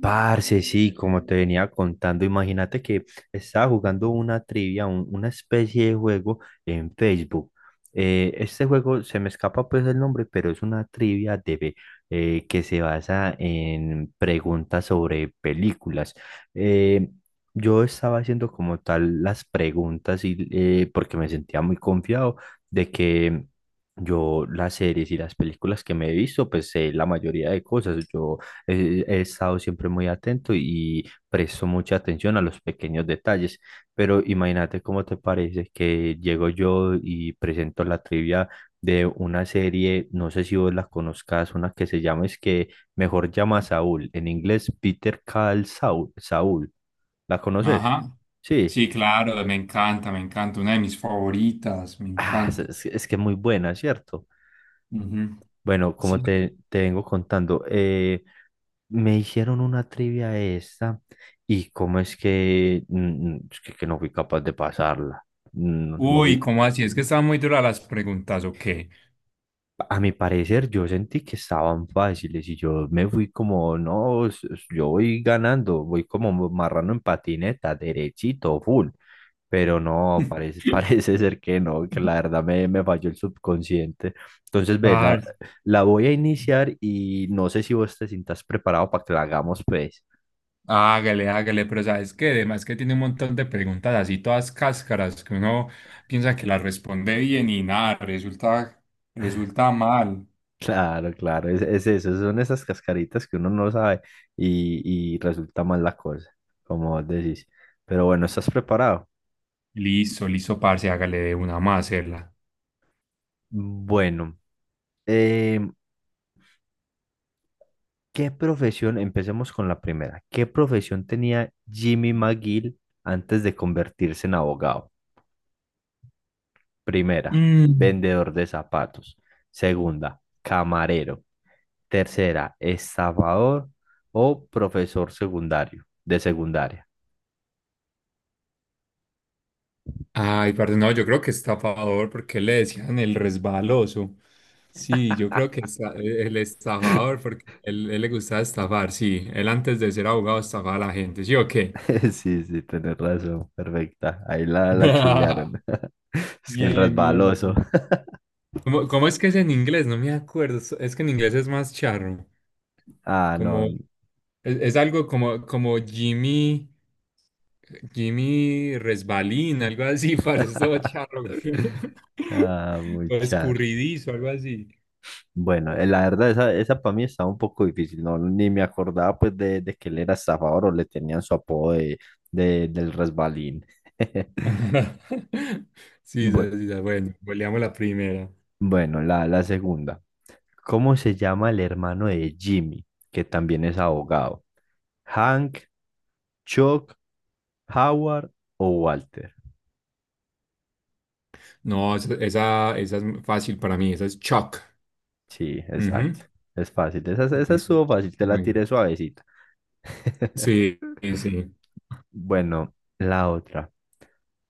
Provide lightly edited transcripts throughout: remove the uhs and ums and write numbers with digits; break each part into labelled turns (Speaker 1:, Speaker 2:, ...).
Speaker 1: Parce, sí, como te venía contando, imagínate que estaba jugando una trivia, una especie de juego en Facebook. Este juego se me escapa pues el nombre, pero es una trivia que se basa en preguntas sobre películas. Eh, yo estaba haciendo como tal las preguntas porque me sentía muy confiado de que yo las series y las películas que me he visto, pues sé la mayoría de cosas. Yo he estado siempre muy atento y presto mucha atención a los pequeños detalles, pero imagínate cómo te parece que llego yo y presento la trivia de una serie, no sé si vos la conozcas, una que se llama, es que mejor llama a Saúl, en inglés Peter Call Saul, Saúl, ¿la conoces?
Speaker 2: Ajá.
Speaker 1: Sí.
Speaker 2: Sí, claro, me encanta, me encanta. Una de mis favoritas, me
Speaker 1: Ah,
Speaker 2: encanta.
Speaker 1: es que es muy buena, ¿cierto?
Speaker 2: Ujú.
Speaker 1: Bueno, como
Speaker 2: Sí.
Speaker 1: te vengo contando. Me hicieron una trivia esta y cómo es que, mm, mm, es que no fui capaz de pasarla. No, no
Speaker 2: Uy,
Speaker 1: fui-
Speaker 2: ¿cómo así? Es que estaban muy duras las preguntas, ¿o qué?
Speaker 1: A mi parecer yo sentí que estaban fáciles y yo me fui como, no, yo voy ganando, voy como marrano en patineta, derechito, full. Pero no, parece, parece ser que no, que la verdad me falló el subconsciente. Entonces, ve,
Speaker 2: Vale.
Speaker 1: la voy a iniciar y no sé si vos te sientas preparado para que la hagamos, pues.
Speaker 2: Hágale, hágale, pero sabes que además que tiene un montón de preguntas así, todas cáscaras, que uno piensa que las responde bien y nada, resulta, resulta mal.
Speaker 1: Claro, claro, es eso, son esas cascaritas que uno no sabe y resulta mal la cosa, como vos decís. Pero bueno, ¿estás preparado?
Speaker 2: Listo, listo, parce, hágale de una más, hacerla.
Speaker 1: Bueno, em, ¿qué profesión? Empecemos con la primera. ¿Qué profesión tenía Jimmy McGill antes de convertirse en abogado? Primera, vendedor de zapatos. Segunda, camarero. Tercera, estafador o profesor secundario, de secundaria.
Speaker 2: Ay, parce, no, yo creo que estafador, porque le decían el resbaloso. Sí, yo creo que el estafador, porque él le gustaba estafar, sí. Él antes de ser abogado estafaba a la gente, ¿sí o qué?
Speaker 1: Sí, sí, tenés razón, perfecta. Ahí la chulearon. Es que el
Speaker 2: Bien, bien,
Speaker 1: resbaloso.
Speaker 2: bien. ¿Cómo es que es en inglés? No me acuerdo. Es que en inglés es más charro.
Speaker 1: Ah, no.
Speaker 2: Como, es algo como, como Jimmy, Jimmy Resbalín, algo así, parce, es todo charro.
Speaker 1: Ah, muy
Speaker 2: O
Speaker 1: char.
Speaker 2: escurridizo, algo así.
Speaker 1: Bueno, la verdad, esa para mí estaba un poco difícil. No, ni me acordaba pues de que él era estafador o le tenían su apodo de, del resbalín.
Speaker 2: Sí,
Speaker 1: Bue- Bueno,
Speaker 2: bueno, goleamos la primera.
Speaker 1: Bueno, la segunda. ¿Cómo se llama el hermano de Jimmy, que también es abogado? ¿Hank, Chuck, Howard o Walter?
Speaker 2: No, esa es fácil para mí, esa es Chuck.
Speaker 1: Sí,
Speaker 2: Ujú,
Speaker 1: exacto. Es fácil. Esa
Speaker 2: ujú,
Speaker 1: estuvo fácil, te la
Speaker 2: muy bien.
Speaker 1: tiré suavecita.
Speaker 2: Sí, sí, sí.
Speaker 1: Bueno, la otra.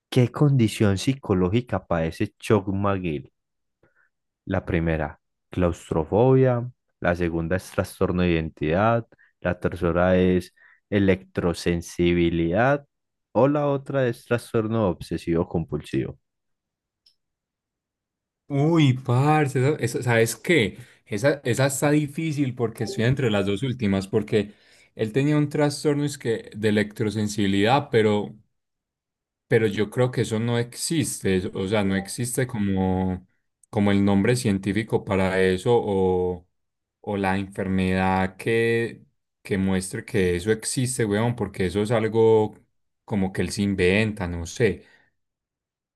Speaker 1: ¿Qué condición psicológica padece Chuck McGill? La primera, claustrofobia. La segunda es trastorno de identidad. La tercera es electrosensibilidad. O la otra es trastorno obsesivo compulsivo.
Speaker 2: Uy, parce, ¿sabes qué? Esa está difícil porque estoy entre las dos últimas, porque él tenía un trastorno de electrosensibilidad, pero yo creo que eso no existe, o sea, no existe como, como el nombre científico para eso o la enfermedad que muestre que eso existe, weón, porque eso es algo como que él se inventa, no sé.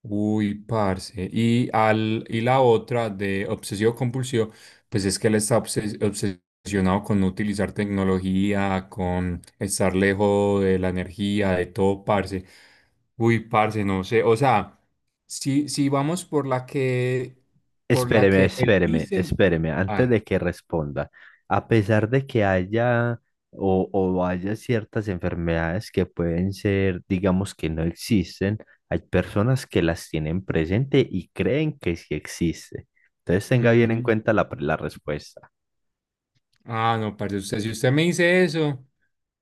Speaker 2: Uy, parce. Y la otra de obsesivo compulsivo, pues es que él está obsesionado con no utilizar tecnología, con estar lejos de la energía, de todo, parce. Uy, parce, no sé. O sea, si vamos por la
Speaker 1: Espéreme,
Speaker 2: que él
Speaker 1: espéreme,
Speaker 2: dice.
Speaker 1: espéreme,
Speaker 2: Ah,
Speaker 1: antes de que responda. A pesar de que haya o haya ciertas enfermedades que pueden ser, digamos, que no existen, hay personas que las tienen presente y creen que sí existe. Entonces tenga bien en
Speaker 2: ujú.
Speaker 1: cuenta la respuesta.
Speaker 2: Ah, no, parce, si usted me dice eso,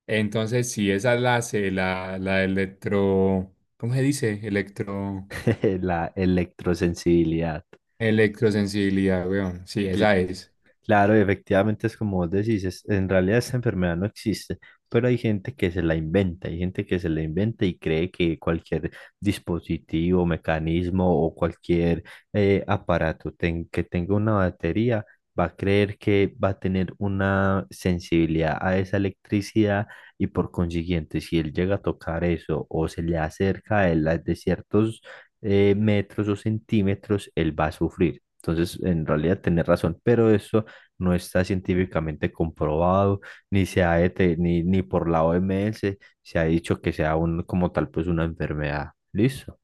Speaker 2: entonces sí, esa es la C, la electro. ¿Cómo se dice? Electro.
Speaker 1: La electrosensibilidad.
Speaker 2: Electrosensibilidad, weón. Sí,
Speaker 1: ¿Qué,
Speaker 2: esa es.
Speaker 1: Claro, efectivamente es como vos decís, en realidad esta enfermedad no existe, pero hay gente que se la inventa, hay gente que se la inventa y cree que cualquier dispositivo, mecanismo o cualquier aparato que tenga una batería va a creer que va a tener una sensibilidad a esa electricidad y por consiguiente si él llega a tocar eso o se le acerca a él de ciertos metros o centímetros, él va a sufrir. Entonces, en realidad tenés razón, pero eso no está científicamente comprobado, ni se ha ni por la OMS se ha dicho que sea un, como tal pues una enfermedad. Listo.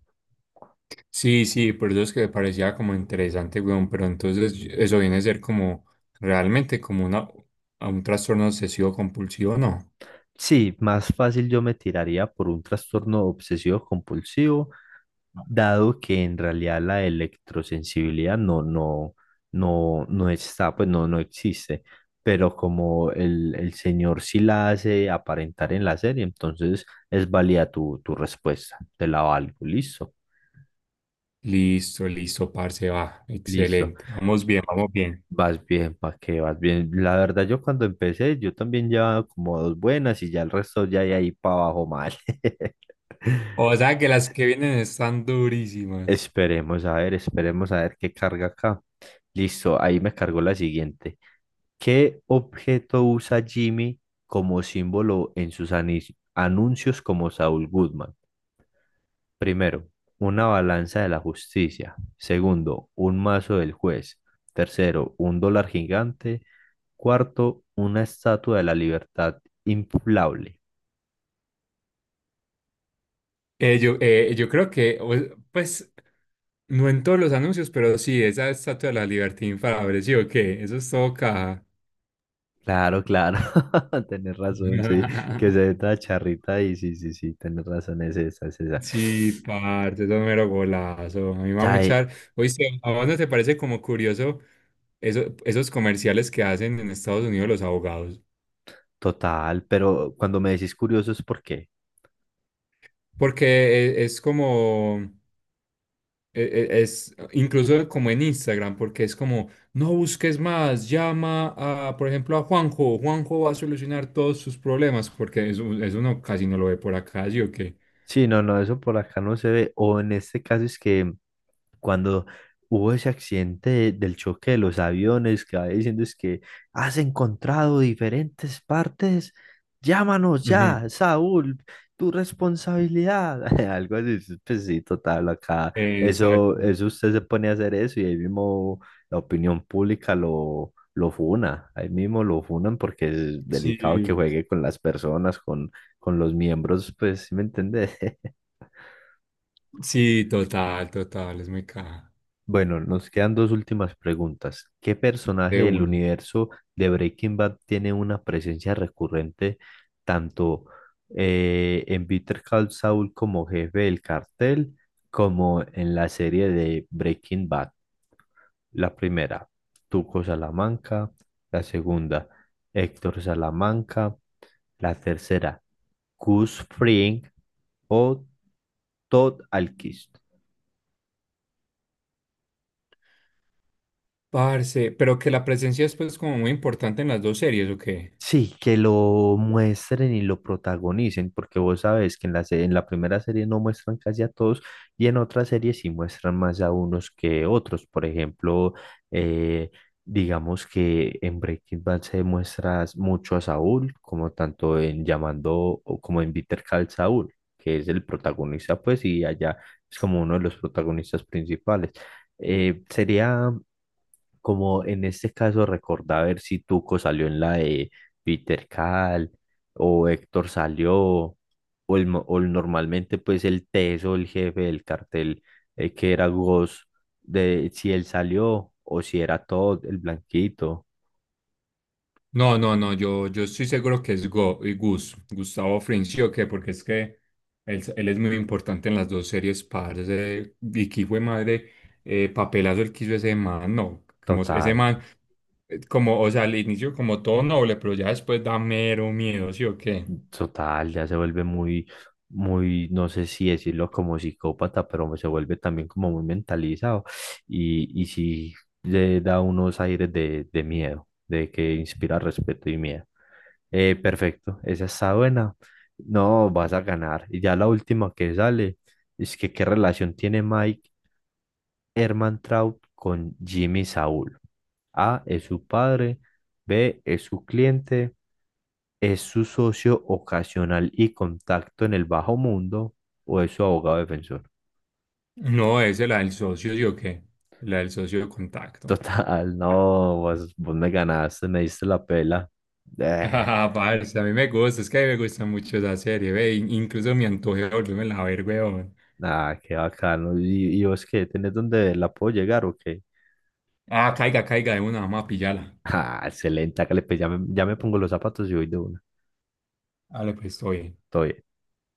Speaker 2: Sí, sí, por eso es que me parecía como interesante, weón. Pero entonces eso viene a ser como realmente a un trastorno obsesivo compulsivo, ¿no?
Speaker 1: Sí, más fácil yo me tiraría por un trastorno obsesivo compulsivo, dado que en realidad la electrosensibilidad no está, pues no existe. Pero como el señor sí la hace aparentar en la serie, entonces es válida tu respuesta. Te la valgo. Listo.
Speaker 2: Listo, listo, parce, va.
Speaker 1: Listo.
Speaker 2: Excelente. Vamos bien, vamos bien.
Speaker 1: Vas bien, ¿para qué? Vas bien. La verdad, yo cuando empecé, yo también llevaba como dos buenas y ya el resto ya de ahí para abajo mal.
Speaker 2: O sea que las que vienen están durísimas.
Speaker 1: Esperemos a ver qué carga acá. Listo, ahí me cargó la siguiente. ¿Qué objeto usa Jimmy como símbolo en sus anuncios como Saul Goodman? Primero, una balanza de la justicia. Segundo, un mazo del juez. Tercero, un dólar gigante. Cuarto, una estatua de la libertad inflable.
Speaker 2: Yo creo que, pues, no en todos los anuncios, pero sí, esa estatua de la libertad me, ¿sí o qué? Eso es todo caja.
Speaker 1: Claro, claro, tenés razón, sí, que se ve toda charrita y sí, sí, sí, tenés razón, es esa, es esa.
Speaker 2: Sí, parte eso es mero golazo. A mí me va a
Speaker 1: Sabe,
Speaker 2: muchar. Oíste, ¿a vos no te parece como curioso esos comerciales que hacen en Estados Unidos los abogados?
Speaker 1: total, pero cuando me decís curioso es por qué.
Speaker 2: Porque es, como, es incluso como en Instagram, porque es como, no busques más, llama a, por ejemplo, a Juanjo. Juanjo va a solucionar todos sus problemas, porque eso no, casi no lo ve por acá, ¿sí o qué?
Speaker 1: Sí, no, no, eso por acá no se ve, o en este caso es que cuando hubo ese accidente del choque de los aviones, que va diciendo es que has encontrado diferentes partes, llámanos
Speaker 2: Ujú,
Speaker 1: ya, Saúl, tu responsabilidad, algo así, sí, pues sí, total, acá,
Speaker 2: exacto.
Speaker 1: eso usted se pone a hacer eso y ahí mismo la opinión pública lo... Lo funa, ahí mismo lo funan porque es delicado que
Speaker 2: Sí,
Speaker 1: juegue con las personas, con los miembros, pues, ¿sí me entendés?
Speaker 2: sí, total, total, es muy caja.
Speaker 1: Bueno, nos quedan dos últimas preguntas. ¿Qué personaje
Speaker 2: De
Speaker 1: del
Speaker 2: uno.
Speaker 1: universo de Breaking Bad tiene una presencia recurrente tanto en Better Call Saul como jefe del cartel, como en la serie de Breaking Bad? La primera, Tuco Salamanca. La segunda, Héctor Salamanca. La tercera, Gus Fring o Todd Alquist.
Speaker 2: Parce, pero que la presencia es pues como muy importante en las dos series, ¿o qué?
Speaker 1: Sí, que lo muestren y lo protagonicen, porque vos sabes que en en la primera serie no muestran casi a todos y en otras series sí muestran más a unos que otros. Por ejemplo, eh, digamos que en Breaking Bad se muestra mucho a Saúl, como tanto en Llamando o como en Bitter Call Saúl, que es el protagonista, pues, y allá es como uno de los protagonistas principales. Sería como en este caso, recordá a ver si Tuco salió en la de Peter Cal o Héctor salió, o, el, mo- o el- normalmente pues el teso, el jefe del cartel, que era Ghost, de si él salió o si era todo el blanquito,
Speaker 2: No, no, no, yo estoy seguro que es Gus, Gustavo Frinzi, ¿o qué? Porque es que él es muy importante en las dos series, parce, y que fue madre, papelazo el que hizo ese man, no, como ese
Speaker 1: total.
Speaker 2: man, como, o sea, al inicio como todo noble, pero ya después da mero miedo, ¿sí o qué?
Speaker 1: Total, ya se vuelve muy, no sé si decirlo como psicópata, pero se vuelve también como muy mentalizado y sí le da unos aires de miedo, de que inspira respeto y miedo. Perfecto, esa está buena. No, vas a ganar. Y ya la última que sale es que qué relación tiene Mike Hermantraut con Jimmy Saúl. A es su padre, B es su cliente, es su socio ocasional y contacto en el bajo mundo o es su abogado defensor.
Speaker 2: No, es la del socio, ¿sí o qué? La del socio de contacto.
Speaker 1: Total, no, vos me ganaste, me diste la pela. Eh,
Speaker 2: Ah, parce, a mí me gusta, es que a mí me gusta mucho esa serie, ve, incluso me antojé de volverme a ver, weón.
Speaker 1: Nada, qué bacano. Y vos qué? ¿Tenés dónde la puedo llegar o qué?
Speaker 2: Ah, caiga, caiga de una, vamos a pillarla.
Speaker 1: Ah, excelente, hágale, pues ya me pongo los zapatos y voy de una.
Speaker 2: Dale, pues, estoy bien.
Speaker 1: Todo bien.